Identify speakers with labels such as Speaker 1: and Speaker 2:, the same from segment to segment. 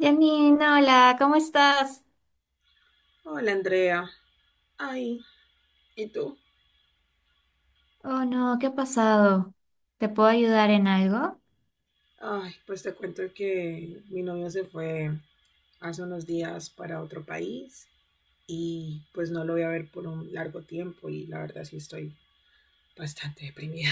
Speaker 1: Janine, hola, ¿cómo estás?
Speaker 2: Hola Andrea. Ay, ¿y tú?
Speaker 1: Oh no, ¿qué ha pasado? ¿Te puedo ayudar en algo?
Speaker 2: Ay, pues te cuento que mi novio se fue hace unos días para otro país y pues no lo voy a ver por un largo tiempo y la verdad sí estoy bastante deprimida.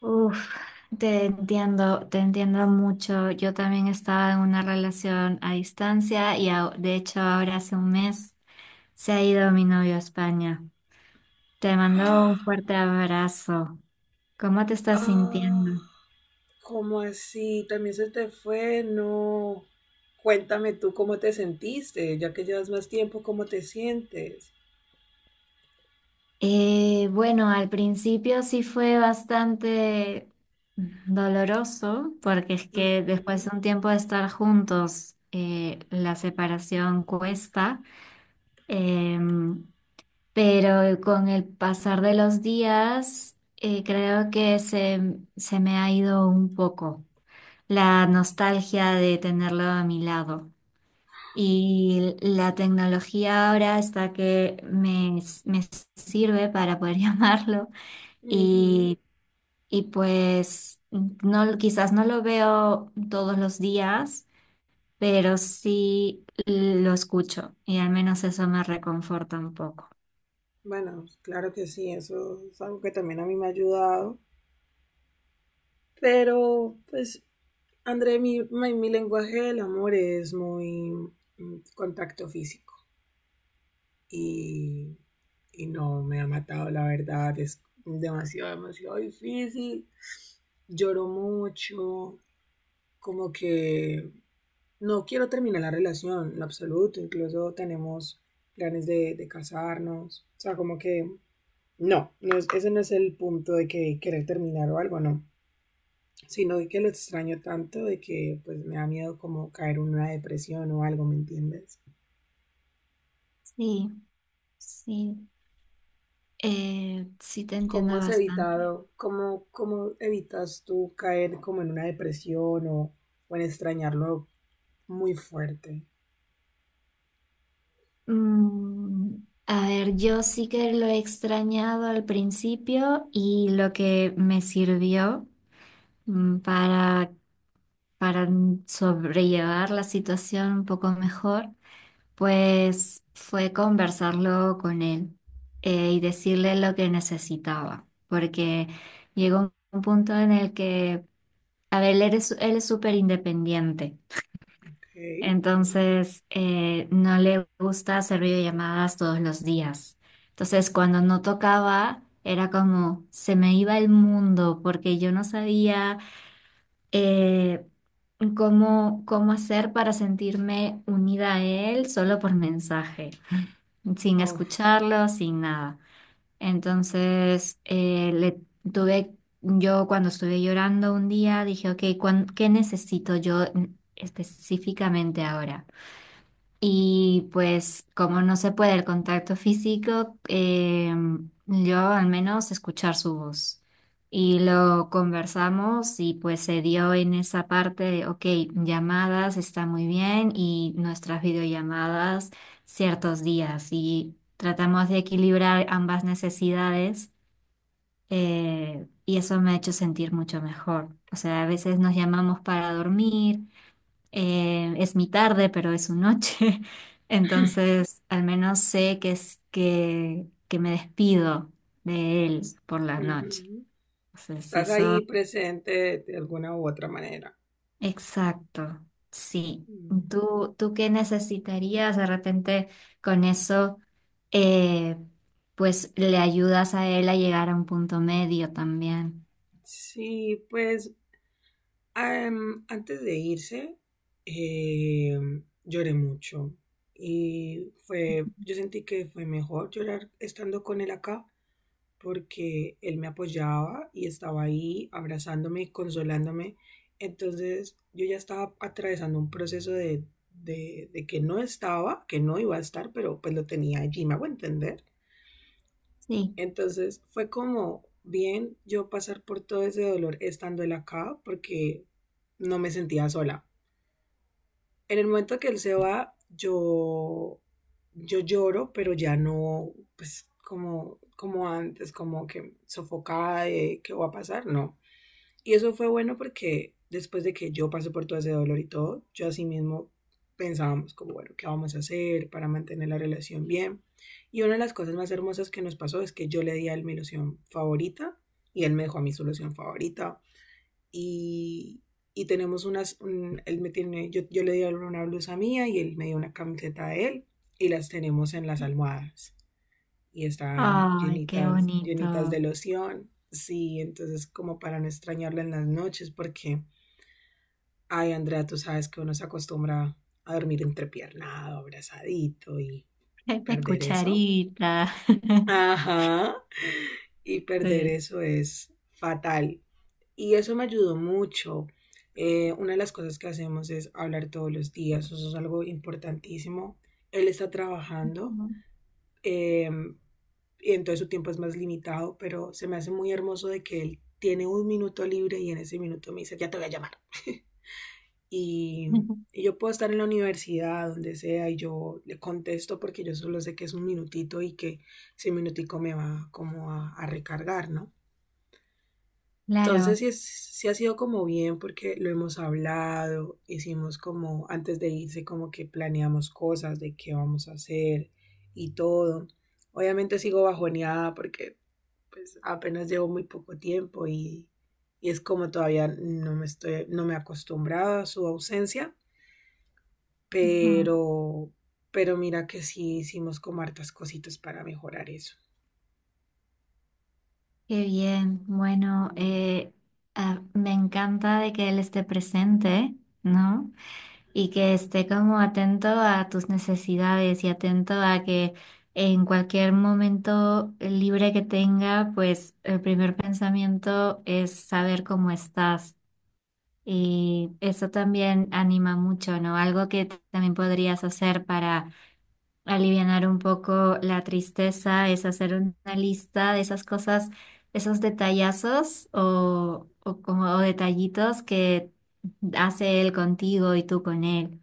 Speaker 1: Uf, te entiendo mucho. Yo también estaba en una relación a distancia y de hecho ahora hace un mes se ha ido mi novio a España. Te mando un fuerte abrazo. ¿Cómo te estás
Speaker 2: Ah,
Speaker 1: sintiendo?
Speaker 2: ¿cómo así? ¿También se te fue? No. Cuéntame tú cómo te sentiste, ya que llevas más tiempo, ¿cómo te sientes?
Speaker 1: Bueno, al principio sí fue bastante doloroso, porque es que después
Speaker 2: Ujú,
Speaker 1: de un tiempo de estar juntos, la separación cuesta, em, pero con el pasar de los días, creo que se me ha ido un poco la nostalgia de tenerlo a mi lado. Y la tecnología ahora está que me sirve para poder llamarlo
Speaker 2: ujú.
Speaker 1: y, y pues no, quizás no lo veo todos los días, pero sí lo escucho y al menos eso me reconforta un poco.
Speaker 2: Bueno, claro que sí, eso es algo que también a mí me ha ayudado. Pero, pues, André, mi lenguaje del amor es muy contacto físico y, y no me ha matado, la verdad, es demasiado, demasiado difícil. Lloro mucho, como que no quiero terminar la relación, en absoluto, incluso tenemos planes de casarnos, o sea, como que no, no es, ese no es el punto de que querer terminar o algo, no, sino de que lo extraño tanto de que pues me da miedo como caer en una depresión o algo, ¿me entiendes?
Speaker 1: Sí, sí, sí te
Speaker 2: ¿Cómo
Speaker 1: entiendo
Speaker 2: has
Speaker 1: bastante.
Speaker 2: evitado, cómo, cómo evitas tú caer como en una depresión o en extrañarlo muy fuerte?
Speaker 1: Mm, a ver, yo sí que lo he extrañado al principio y lo que me sirvió mm, para, para sobrellevar la situación un poco mejor. Pues fue conversarlo con él, y decirle lo que necesitaba, porque llegó un punto en el que, a ver, él es súper independiente,
Speaker 2: Ok.
Speaker 1: entonces no le gusta hacer videollamadas todos los días. Entonces, cuando no tocaba, era como, se me iba el mundo, porque yo no sabía... eh, cómo hacer para sentirme unida a él solo por mensaje, sin
Speaker 2: Uf.
Speaker 1: escucharlo, sin nada. Entonces, yo cuando estuve llorando un día, dije, ok, ¿qué necesito yo, específicamente, ahora? Y pues como no se puede el contacto físico, yo al menos escuchar su voz. Y lo conversamos y pues se dio en esa parte de, ok, llamadas está muy bien y nuestras videollamadas ciertos días. Y tratamos de equilibrar ambas necesidades, y eso me ha hecho sentir mucho mejor. O sea, a veces nos llamamos para dormir. Es mi tarde, pero es su noche. Entonces, al menos sé que me despido de él por la noche.
Speaker 2: Ujú.
Speaker 1: Entonces,
Speaker 2: Estás ahí
Speaker 1: eso,
Speaker 2: presente de alguna u otra manera.
Speaker 1: exacto, sí.
Speaker 2: Mm.
Speaker 1: ¿Tú, tú qué necesitarías de repente con eso? eh, pues le ayudas a él a llegar a un punto medio también.
Speaker 2: Sí, pues antes de irse, eh, lloré mucho y fue, yo sentí que fue mejor llorar estando con él acá porque él me apoyaba y estaba ahí abrazándome y consolándome. Entonces yo ya estaba atravesando un proceso de que no estaba, que no iba a estar, pero pues lo tenía allí, me hago entender.
Speaker 1: Sí.
Speaker 2: Entonces fue como bien yo pasar por todo ese dolor estando él acá porque no me sentía sola en el momento que él se va, yo lloro, pero ya no, pues como, como antes, como que sofocada de qué va a pasar, no. Y eso fue bueno porque después de que yo pasé por todo ese dolor y todo, yo así mismo pensábamos como, bueno, ¿qué vamos a hacer para mantener la relación bien? Y una de las cosas más hermosas que nos pasó es que yo le di a él mi ilusión favorita y él me dejó a mi solución favorita y, y tenemos unas, él me tiene, yo le di a él una blusa mía y él me dio una camiseta de él y las tenemos en las almohadas y están
Speaker 1: Ay, qué
Speaker 2: llenitas, llenitas
Speaker 1: bonito.
Speaker 2: de loción. Sí, entonces como para no extrañarla en las noches porque, ay Andrea, tú sabes que uno se acostumbra a dormir entrepiernado, abrazadito y
Speaker 1: De
Speaker 2: perder eso.
Speaker 1: cucharita.
Speaker 2: Ajá. Y perder
Speaker 1: Sí.
Speaker 2: eso es fatal. Y eso me ayudó mucho. Una de las cosas que hacemos es hablar todos los días, eso es algo importantísimo. Él está trabajando, eh, y entonces su tiempo es más limitado, pero se me hace muy hermoso de que él tiene un minuto libre y en ese minuto me dice, ya te voy a llamar. Y, y yo puedo estar en la universidad, donde sea, y yo le contesto porque yo solo sé que es un minutito y que ese minutico me va como a recargar, ¿no? Entonces
Speaker 1: Claro,
Speaker 2: sí, sí ha sido como bien porque lo hemos hablado, hicimos como antes de irse como que planeamos cosas de qué vamos a hacer y todo. Obviamente sigo bajoneada porque pues apenas llevo muy poco tiempo y es como todavía no me estoy, no me he acostumbrado a su ausencia,
Speaker 1: ujú.
Speaker 2: pero, pero mira que sí hicimos como hartas cositas para mejorar eso.
Speaker 1: Qué bien. Bueno,
Speaker 2: Mm,
Speaker 1: me encanta de que él esté presente, ¿no? Y
Speaker 2: ujú,
Speaker 1: que esté como atento a tus necesidades y atento a que en cualquier momento libre que tenga, pues el primer pensamiento es saber cómo estás. Y eso también anima mucho, ¿no? Algo que también podrías hacer para alivianar un poco la tristeza es hacer una lista de esas cosas, esos detallazos o como o detallitos que hace él contigo y tú con él.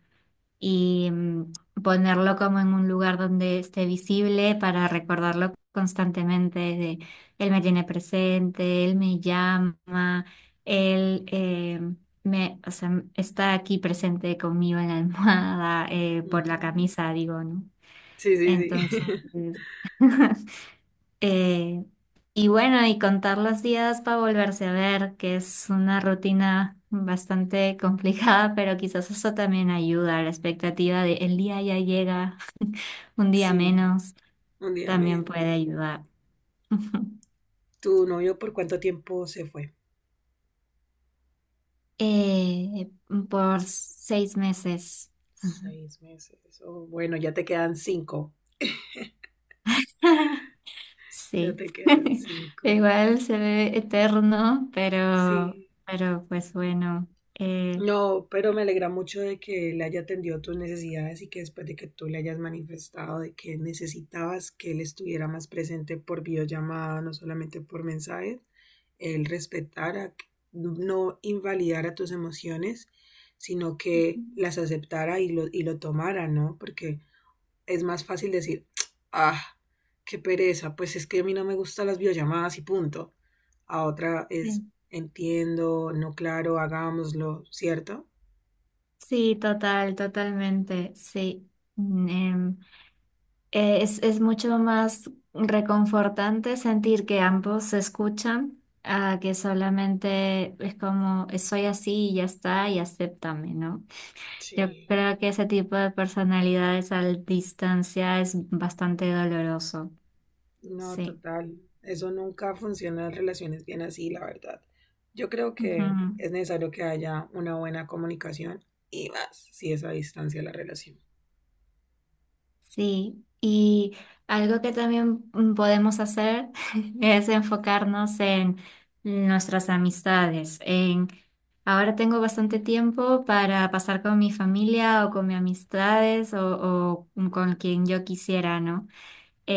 Speaker 1: Y ponerlo como en un lugar donde esté visible, para recordarlo constantemente de él me tiene presente, él me llama, él eh, o sea, está aquí presente conmigo en la almohada, por la
Speaker 2: ujú.
Speaker 1: camisa, digo, ¿no?
Speaker 2: Sí, sí, sí.
Speaker 1: Entonces, eh, y bueno, y contar los días para volverse a ver, que es una rutina bastante complicada, pero quizás eso también ayuda, la expectativa de el día ya llega, un día
Speaker 2: Sí.
Speaker 1: menos,
Speaker 2: Un día
Speaker 1: también puede
Speaker 2: menos.
Speaker 1: ayudar.
Speaker 2: ¿Tu novio por cuánto tiempo se fue?
Speaker 1: Eh, por 6 meses. Ujú.
Speaker 2: 6 meses. Oh, bueno, ya te quedan 5. Ya
Speaker 1: Sí.
Speaker 2: te quedan cinco.
Speaker 1: Igual se ve eterno,
Speaker 2: Sí.
Speaker 1: pero pues bueno. eh,
Speaker 2: No, pero me alegra mucho de que él haya atendido tus necesidades y que después de que tú le hayas manifestado de que necesitabas que él estuviera más presente por videollamada, no solamente por mensajes, él respetara, no invalidara tus emociones, sino que las aceptara y lo tomara, ¿no? Porque es más fácil decir, ah, qué pereza, pues es que a mí no me gustan las videollamadas y punto. A otra es,
Speaker 1: sí.
Speaker 2: entiendo, no claro, hagámoslo, ¿cierto?
Speaker 1: Sí, total, totalmente, sí. Mm, em, es mucho más reconfortante sentir que ambos se escuchan, a que solamente es como soy así y ya está y acéptame", ¿no? Yo
Speaker 2: Sí.
Speaker 1: creo que ese tipo de personalidades a distancia es bastante doloroso,
Speaker 2: No,
Speaker 1: sí.
Speaker 2: total. Eso nunca funciona en relaciones bien así, la verdad. Yo creo que es necesario que haya una buena comunicación y más si es a distancia la relación.
Speaker 1: Sí, y algo que también, podemos hacer es enfocarnos en nuestras amistades, en ahora tengo bastante tiempo para pasar con mi familia o con mis amistades o con quien yo quisiera, ¿no?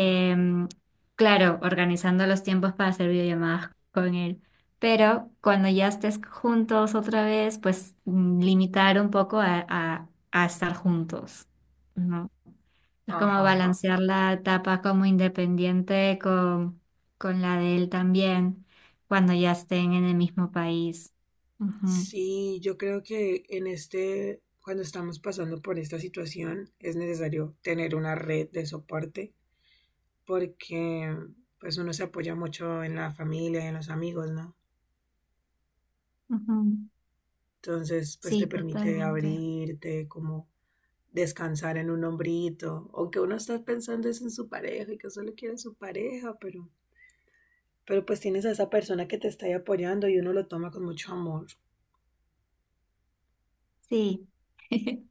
Speaker 2: Ajá.
Speaker 1: claro, organizando los tiempos para hacer videollamadas con él, pero cuando ya estés juntos otra vez, pues limitar un poco a a estar juntos, ¿no? Es como
Speaker 2: Ajá.
Speaker 1: balancear la etapa como independiente con la de él también, cuando ya estén en el mismo país. Ujú,
Speaker 2: Sí, yo creo que en este, cuando estamos pasando por esta situación, es necesario tener una red de soporte porque pues uno se apoya mucho en la familia, en los amigos, ¿no?
Speaker 1: ujú.
Speaker 2: Entonces, pues te
Speaker 1: Sí,
Speaker 2: permite
Speaker 1: totalmente.
Speaker 2: abrirte, como descansar en un hombrito, aunque uno está pensando es en su pareja y que solo quiere su pareja, pero pues tienes a esa persona que te está ahí apoyando y uno lo toma con mucho amor.
Speaker 1: Sí,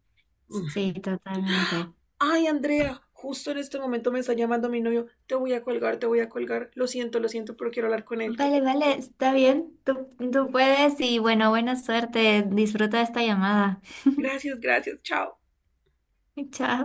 Speaker 1: sí, totalmente.
Speaker 2: Ay, Andrea, justo en este momento me está llamando mi novio, te voy a colgar, te voy a colgar, lo siento, pero quiero hablar con él.
Speaker 1: Vale, vale, está bien. Tú puedes y bueno, buena suerte. Disfruta de esta llamada.
Speaker 2: Gracias, gracias, chao.
Speaker 1: Chao.